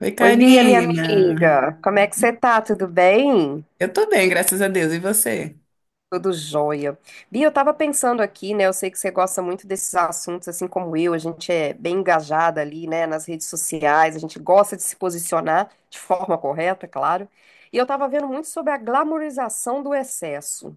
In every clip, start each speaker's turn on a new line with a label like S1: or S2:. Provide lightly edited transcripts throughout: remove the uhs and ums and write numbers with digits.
S1: Oi,
S2: Oi, Bia, minha
S1: Karina.
S2: amiga. Como é que você tá? Tudo bem?
S1: Eu tô bem, graças a Deus. E você?
S2: Tudo jóia. Bia, eu tava pensando aqui, né? Eu sei que você gosta muito desses assuntos, assim como eu. A gente é bem engajada ali, né? Nas redes sociais, a gente gosta de se posicionar de forma correta, é claro. E eu tava vendo muito sobre a glamorização do excesso.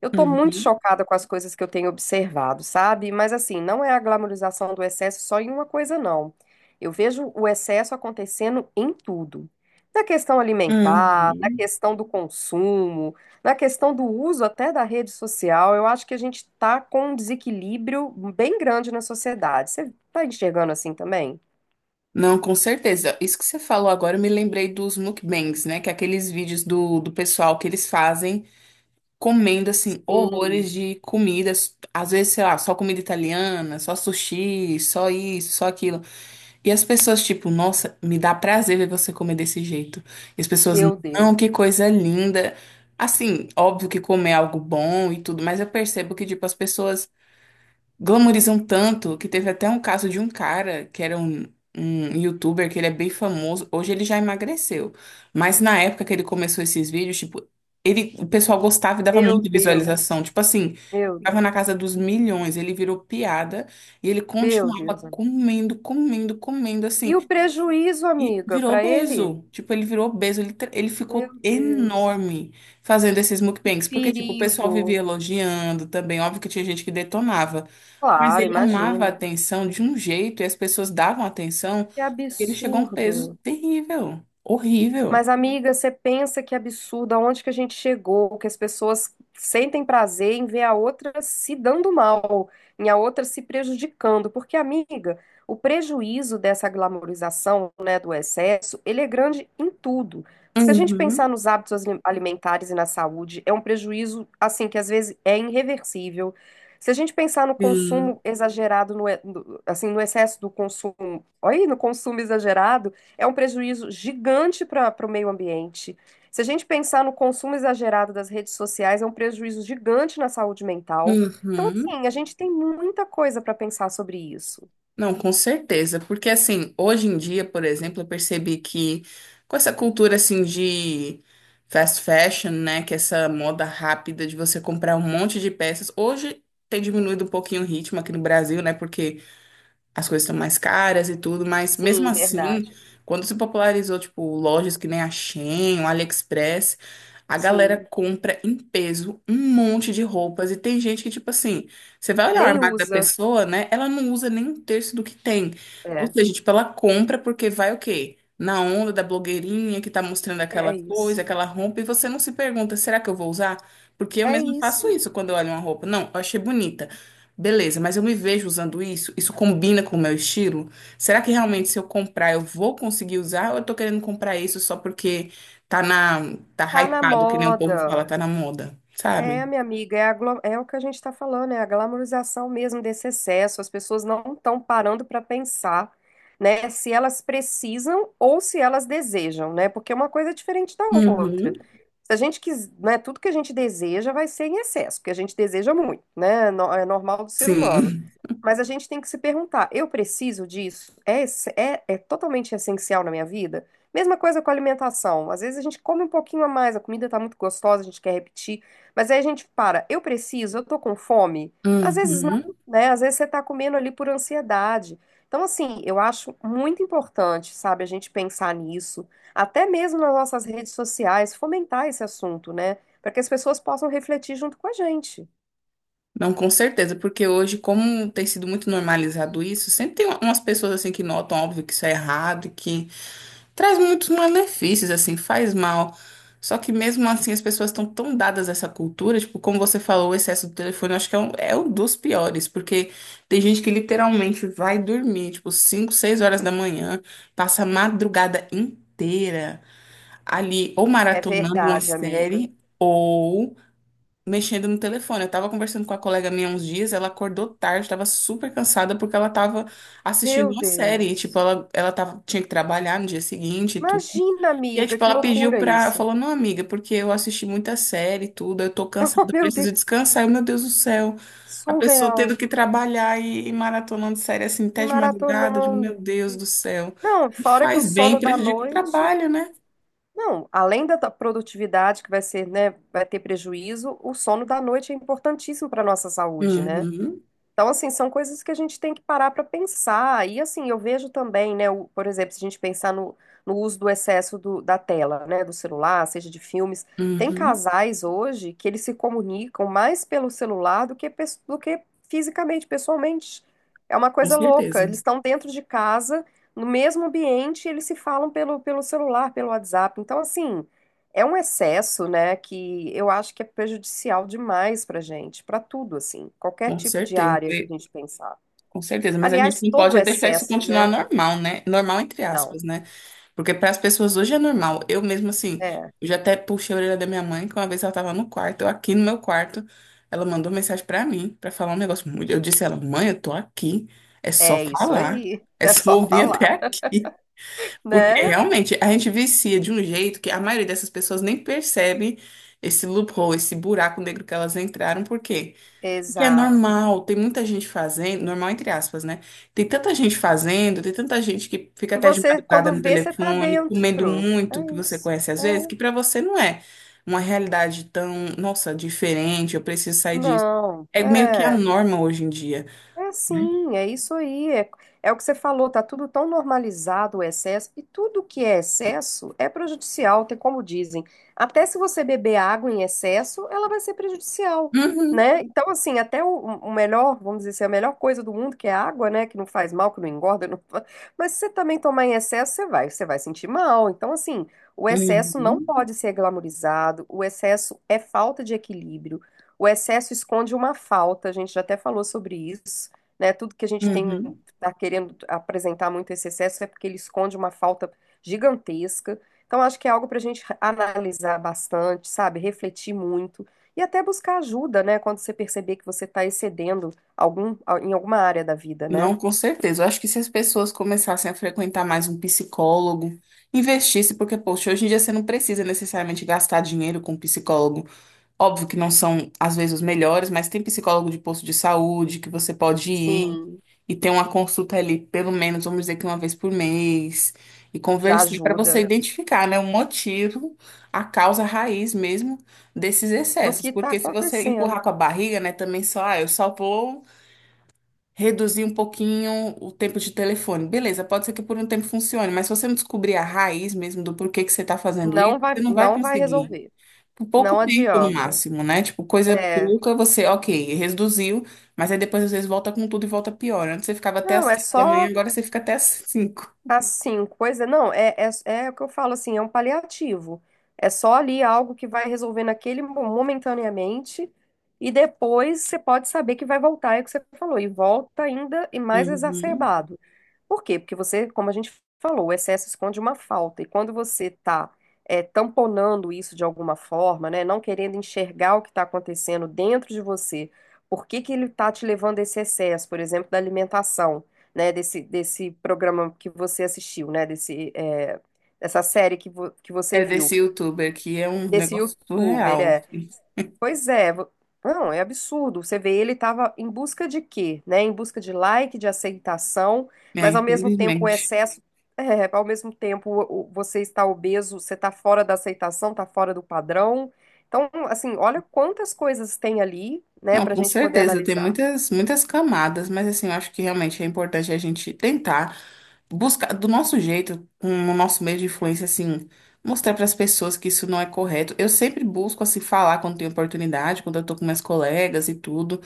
S2: Eu tô muito
S1: Uhum.
S2: chocada com as coisas que eu tenho observado, sabe? Mas assim, não é a glamorização do excesso só em uma coisa, não. Eu vejo o excesso acontecendo em tudo. Na questão alimentar, na
S1: Uhum.
S2: questão do consumo, na questão do uso até da rede social, eu acho que a gente tá com um desequilíbrio bem grande na sociedade. Você tá enxergando assim também?
S1: Não, com certeza. Isso que você falou agora, eu me lembrei dos mukbangs, né? Que é aqueles vídeos do pessoal que eles fazem comendo, assim, horrores
S2: Sim,
S1: de comidas. Às vezes, sei lá, só comida italiana, só sushi, só isso, só aquilo. E as pessoas, tipo, nossa, me dá prazer ver você comer desse jeito. E as pessoas,
S2: meu Deus,
S1: não, que coisa linda. Assim, óbvio que comer é algo bom e tudo, mas eu percebo que, tipo, as pessoas glamorizam tanto que teve até um caso de um cara que um youtuber que ele é bem famoso. Hoje ele já emagreceu. Mas na época que ele começou esses vídeos, tipo, o pessoal gostava e dava
S2: meu
S1: muita visualização.
S2: Deus,
S1: Tipo assim,
S2: meu
S1: tava na
S2: Deus,
S1: casa dos milhões, ele virou piada. E ele
S2: meu Deus,
S1: continuava
S2: amiga.
S1: comendo, comendo, comendo,
S2: E
S1: assim.
S2: o prejuízo,
S1: E
S2: amiga,
S1: virou
S2: para ele?
S1: obeso. Tipo, ele virou obeso. Ele, ele
S2: Meu
S1: ficou
S2: Deus.
S1: enorme fazendo esses
S2: Que
S1: mukbangs. Porque, tipo, o pessoal vivia
S2: perigo.
S1: elogiando também. Óbvio que tinha gente que detonava. Mas
S2: Claro,
S1: ele amava a
S2: imagino.
S1: atenção de um jeito e as pessoas davam atenção.
S2: Que
S1: E ele chegou a um peso
S2: absurdo.
S1: terrível. Horrível.
S2: Mas, amiga, você pensa que absurdo, aonde que a gente chegou, que as pessoas sentem prazer em ver a outra se dando mal, em a outra se prejudicando, porque, amiga, o prejuízo dessa glamorização, né, do excesso, ele é grande em tudo. Se a gente pensar
S1: Uhum.
S2: nos alimentares e na saúde, é um prejuízo, assim, que às vezes é irreversível. Se a gente pensar no
S1: Sim.
S2: consumo exagerado, assim, no excesso do consumo, olha aí, no consumo exagerado, é um prejuízo gigante para o meio ambiente. Se a gente pensar no consumo exagerado das redes sociais, é um prejuízo gigante na saúde mental. Então,
S1: Uhum.
S2: assim, a gente tem muita coisa para pensar sobre isso.
S1: Não, com certeza, porque assim, hoje em dia, por exemplo, eu percebi que com essa cultura assim de fast fashion, né, que é essa moda rápida de você comprar um monte de peças, hoje tem diminuído um pouquinho o ritmo aqui no Brasil, né, porque as coisas estão mais caras e tudo, mas mesmo
S2: Sim,
S1: assim,
S2: verdade.
S1: quando se popularizou, tipo, lojas que nem a Shein, o AliExpress, a galera
S2: Sim.
S1: compra em peso um monte de roupas e tem gente que, tipo assim, você vai olhar o
S2: Nem
S1: armário da
S2: usa.
S1: pessoa, né? Ela não usa nem um terço do que tem. Ou
S2: É,
S1: seja, tipo, ela compra porque vai o quê? Na onda da blogueirinha que tá mostrando
S2: é
S1: aquela coisa,
S2: isso.
S1: aquela roupa, e você não se pergunta, será que eu vou usar? Porque eu
S2: É
S1: mesma faço
S2: isso.
S1: isso quando eu olho uma roupa. Não, eu achei bonita. Beleza, mas eu me vejo usando isso? Isso combina com o meu estilo? Será que realmente se eu comprar eu vou conseguir usar ou eu tô querendo comprar isso só porque tá
S2: Tá na
S1: hypado, que nem o povo
S2: moda.
S1: fala, tá na moda,
S2: É,
S1: sabe?
S2: minha amiga, é, é o que a gente está falando, é a glamorização mesmo desse excesso. As pessoas não estão parando para pensar, né, se elas precisam ou se elas desejam, né? Porque é uma coisa é diferente da
S1: Uhum.
S2: outra. Se a gente quis, né, tudo que a gente deseja vai ser em excesso, porque a gente deseja muito, né? É normal do ser humano.
S1: Sim.
S2: Mas a gente tem que se perguntar, eu preciso disso? É, é totalmente essencial na minha vida? Mesma coisa com a alimentação. Às vezes a gente come um pouquinho a mais, a comida está muito gostosa, a gente quer repetir. Mas aí a gente para, eu preciso, eu tô com fome. Às vezes não,
S1: Uhum.
S2: né? Às vezes você tá comendo ali por ansiedade. Então, assim, eu acho muito importante, sabe, a gente pensar nisso, até mesmo nas nossas redes sociais, fomentar esse assunto, né? Para que as pessoas possam refletir junto com a gente.
S1: Não, com certeza, porque hoje, como tem sido muito normalizado isso, sempre tem umas pessoas assim que notam, óbvio, que isso é errado, traz muitos malefícios, assim, faz mal. Só que mesmo assim as pessoas estão tão dadas a essa cultura, tipo, como você falou, o excesso do telefone, eu acho que é um dos piores, porque tem gente que literalmente vai dormir, tipo, 5 6 horas da manhã, passa a madrugada inteira ali, ou
S2: É
S1: maratonando uma
S2: verdade, amiga.
S1: série, ou mexendo no telefone. Eu tava conversando com a colega minha uns dias, ela acordou tarde, tava super cansada porque ela tava assistindo
S2: Meu
S1: uma série, e, tipo,
S2: Deus.
S1: ela tava, tinha que trabalhar no dia seguinte e tudo.
S2: Imagina,
S1: E aí,
S2: amiga,
S1: tipo,
S2: que
S1: ela pediu
S2: loucura
S1: pra.
S2: isso.
S1: Falou, não, amiga, porque eu assisti muita série e tudo, eu tô cansada,
S2: Oh,
S1: eu
S2: meu Deus,
S1: preciso descansar. E, meu Deus do céu, a pessoa tendo
S2: surreal.
S1: que trabalhar e maratonando série assim até
S2: E
S1: de madrugada, eu digo, meu
S2: maratonando.
S1: Deus do céu.
S2: Não,
S1: E
S2: fora que o
S1: faz bem,
S2: sono da
S1: prejudica o
S2: noite.
S1: trabalho, né?
S2: Não, além da produtividade que vai ser, né, vai ter prejuízo, o sono da noite é importantíssimo para a nossa saúde, né?
S1: Uhum,
S2: Então, assim, são coisas que a gente tem que parar para pensar. E, assim, eu vejo também, né, por exemplo, se a gente pensar no uso do excesso da tela, né, do celular, seja de filmes, tem
S1: uhum,
S2: casais hoje que eles se comunicam mais pelo celular do que, do que fisicamente, pessoalmente. É uma
S1: com
S2: coisa louca.
S1: certeza,
S2: Eles estão dentro de casa, no mesmo ambiente, e eles se falam pelo celular, pelo WhatsApp. Então, assim. É um excesso, né, que eu acho que é prejudicial demais para gente, para tudo, assim, qualquer
S1: com
S2: tipo de
S1: certeza,
S2: área que a gente pensar.
S1: com certeza. Mas a gente
S2: Aliás,
S1: não pode
S2: todo
S1: é deixar isso
S2: excesso,
S1: continuar
S2: né?
S1: normal, né? Normal, entre
S2: Não,
S1: aspas, né? Porque para as pessoas hoje é normal. Eu mesmo assim,
S2: é,
S1: eu já até puxei a orelha da minha mãe, que uma vez ela estava no quarto, eu aqui no meu quarto, ela mandou mensagem para mim para falar um negócio. Eu disse a ela, mãe, eu tô aqui, é só
S2: é isso
S1: falar,
S2: aí,
S1: é
S2: é
S1: só
S2: só
S1: ouvir até
S2: falar,
S1: aqui. Porque
S2: né?
S1: realmente a gente vicia de um jeito que a maioria dessas pessoas nem percebe esse loophole, esse buraco negro que elas entraram, porque o que é
S2: Exato.
S1: normal, tem muita gente fazendo, normal entre aspas, né? Tem tanta gente fazendo, tem tanta gente que fica
S2: E
S1: até de
S2: você,
S1: madrugada
S2: quando
S1: no
S2: vê, você tá
S1: telefone, comendo
S2: dentro.
S1: muito,
S2: É
S1: que você
S2: isso.
S1: conhece às vezes,
S2: É.
S1: que pra você não é uma realidade tão, nossa, diferente, eu preciso sair disso.
S2: Não,
S1: É meio que a
S2: é.
S1: norma hoje em dia,
S2: É
S1: né?
S2: sim, é isso aí. É, é o que você falou, tá tudo tão normalizado o excesso, e tudo que é excesso é prejudicial, tem como dizem. Até se você beber água em excesso, ela vai ser prejudicial,
S1: Uhum,
S2: né? Então, assim, até o melhor, vamos dizer assim, a melhor coisa do mundo, que é a água, né? Que não faz mal, que não engorda, mas se você também tomar em excesso, você vai sentir mal. Então, assim, o excesso não
S1: uhum,
S2: pode ser glamourizado, o excesso é falta de equilíbrio. O excesso esconde uma falta, a gente já até falou sobre isso né? Tudo que a gente tem
S1: uhum.
S2: está querendo apresentar muito esse excesso é porque ele esconde uma falta gigantesca. Então, acho que é algo para a gente analisar bastante, sabe? Refletir muito e até buscar ajuda, né? Quando você perceber que você está excedendo algum, em alguma área da vida, né?
S1: Não, com certeza. Eu acho que se as pessoas começassem a frequentar mais um psicólogo, investisse, porque, poxa, hoje em dia você não precisa necessariamente gastar dinheiro com um psicólogo. Óbvio que não são, às vezes, os melhores, mas tem psicólogo de posto de saúde que você pode ir
S2: Sim,
S1: e ter uma consulta ali, pelo menos, vamos dizer que uma vez por mês, e
S2: já
S1: conversar para você
S2: ajuda.
S1: identificar, né, o motivo, a causa raiz mesmo desses
S2: Do que
S1: excessos.
S2: está
S1: Porque se você empurrar
S2: acontecendo.
S1: com a barriga, né, também só, ah, eu só vou reduzir um pouquinho o tempo de telefone. Beleza, pode ser que por um tempo funcione, mas se você não descobrir a raiz mesmo do porquê que você está fazendo isso, você não vai
S2: Não vai
S1: conseguir.
S2: resolver.
S1: Por pouco
S2: Não
S1: tempo no
S2: adianta.
S1: máximo, né? Tipo, coisa
S2: É,
S1: pouca, você, ok, reduziu, mas aí depois às vezes volta com tudo e volta pior. Antes você ficava até as
S2: não, é
S1: 3 da manhã,
S2: só
S1: agora você fica até as 5.
S2: assim, coisa. Não, é o que eu falo assim, é um paliativo. É só ali algo que vai resolver naquele momentaneamente, e depois você pode saber que vai voltar, é o que você falou, e volta ainda e mais
S1: Uhum.
S2: exacerbado. Por quê? Porque você, como a gente falou, o excesso esconde uma falta. E quando você está tamponando isso de alguma forma, né, não querendo enxergar o que está acontecendo dentro de você, por que que ele está te levando a esse excesso, por exemplo, da alimentação, né, desse programa que você assistiu, né, desse, é, essa série que você
S1: É
S2: viu.
S1: desse youtuber que é um
S2: Desse
S1: negócio
S2: youtuber,
S1: surreal,
S2: é.
S1: assim.
S2: Pois é, vo- não, é absurdo. Você vê, ele estava em busca de quê, né? Em busca de like, de aceitação,
S1: É,
S2: mas ao mesmo tempo o
S1: infelizmente.
S2: excesso, é, ao mesmo tempo você está obeso, você está fora da aceitação, está fora do padrão. Então, assim, olha quantas coisas tem ali, né,
S1: Não,
S2: para a
S1: com
S2: gente poder
S1: certeza, tem
S2: analisar.
S1: muitas, muitas camadas, mas assim, eu acho que realmente é importante a gente tentar, buscar do nosso jeito, com o nosso meio de influência, assim, mostrar para as pessoas que isso não é correto. Eu sempre busco, assim, falar quando tenho oportunidade, quando eu tô com minhas colegas e tudo.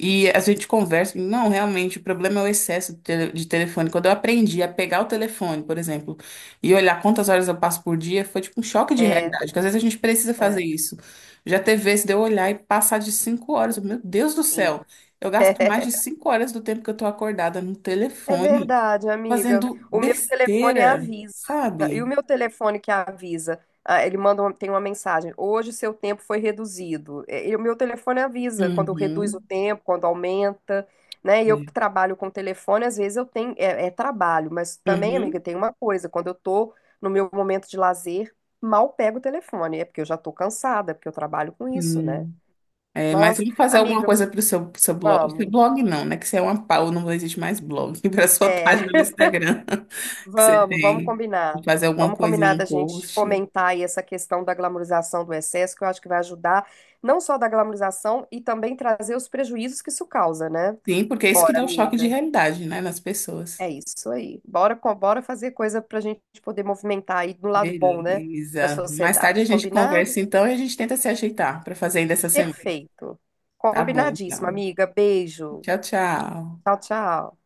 S1: E a gente conversa, e, não, realmente, o problema é o excesso de telefone. Quando eu aprendi a pegar o telefone, por exemplo, e olhar quantas horas eu passo por dia, foi tipo um choque de
S2: É,
S1: realidade, porque às vezes a gente precisa fazer
S2: é,
S1: isso. Já teve vezes de eu olhar e passar de 5 horas, meu Deus do
S2: sim.
S1: céu. Eu gasto mais de 5 horas do tempo que eu tô acordada no
S2: É
S1: telefone
S2: verdade, amiga.
S1: fazendo
S2: O meu telefone
S1: besteira,
S2: avisa. Né? E o
S1: sabe?
S2: meu telefone que avisa? Ah, tem uma mensagem. Hoje seu tempo foi reduzido. E o meu telefone avisa quando reduz o
S1: Uhum.
S2: tempo, quando aumenta, né? E eu
S1: É.
S2: que trabalho com telefone, às vezes eu tenho é trabalho, mas também, amiga,
S1: Uhum.
S2: tem uma coisa. Quando eu tô no meu momento de lazer, mal pego o telefone. É porque eu já tô cansada, porque eu trabalho com isso, né?
S1: Hum. É, mas
S2: Nossa,
S1: tem que fazer alguma
S2: amiga,
S1: coisa para pro seu blog. Que
S2: vamos.
S1: blog não, né? Que você é uma pau, não existe mais blog. Para sua página
S2: É.
S1: no Instagram que você
S2: Vamos, vamos
S1: tem.
S2: combinar.
S1: Fazer alguma
S2: Vamos combinar
S1: coisinha,
S2: da
S1: um
S2: gente
S1: post.
S2: fomentar aí essa questão da glamorização do excesso, que eu acho que vai ajudar não só da glamorização e também trazer os prejuízos que isso causa, né?
S1: Sim, porque é isso que
S2: Bora,
S1: dá o choque de
S2: amiga.
S1: realidade, né? Nas pessoas.
S2: É isso aí. Bora, bora fazer coisa para a gente poder movimentar aí do lado bom, né? Para a
S1: Beleza. Mais tarde a
S2: sociedade.
S1: gente
S2: Combinado?
S1: conversa então e a gente tenta se ajeitar para fazer ainda essa semana.
S2: Perfeito.
S1: Tá bom,
S2: Combinadíssimo,
S1: então.
S2: amiga. Beijo.
S1: Tchau, tchau.
S2: Tchau, tchau.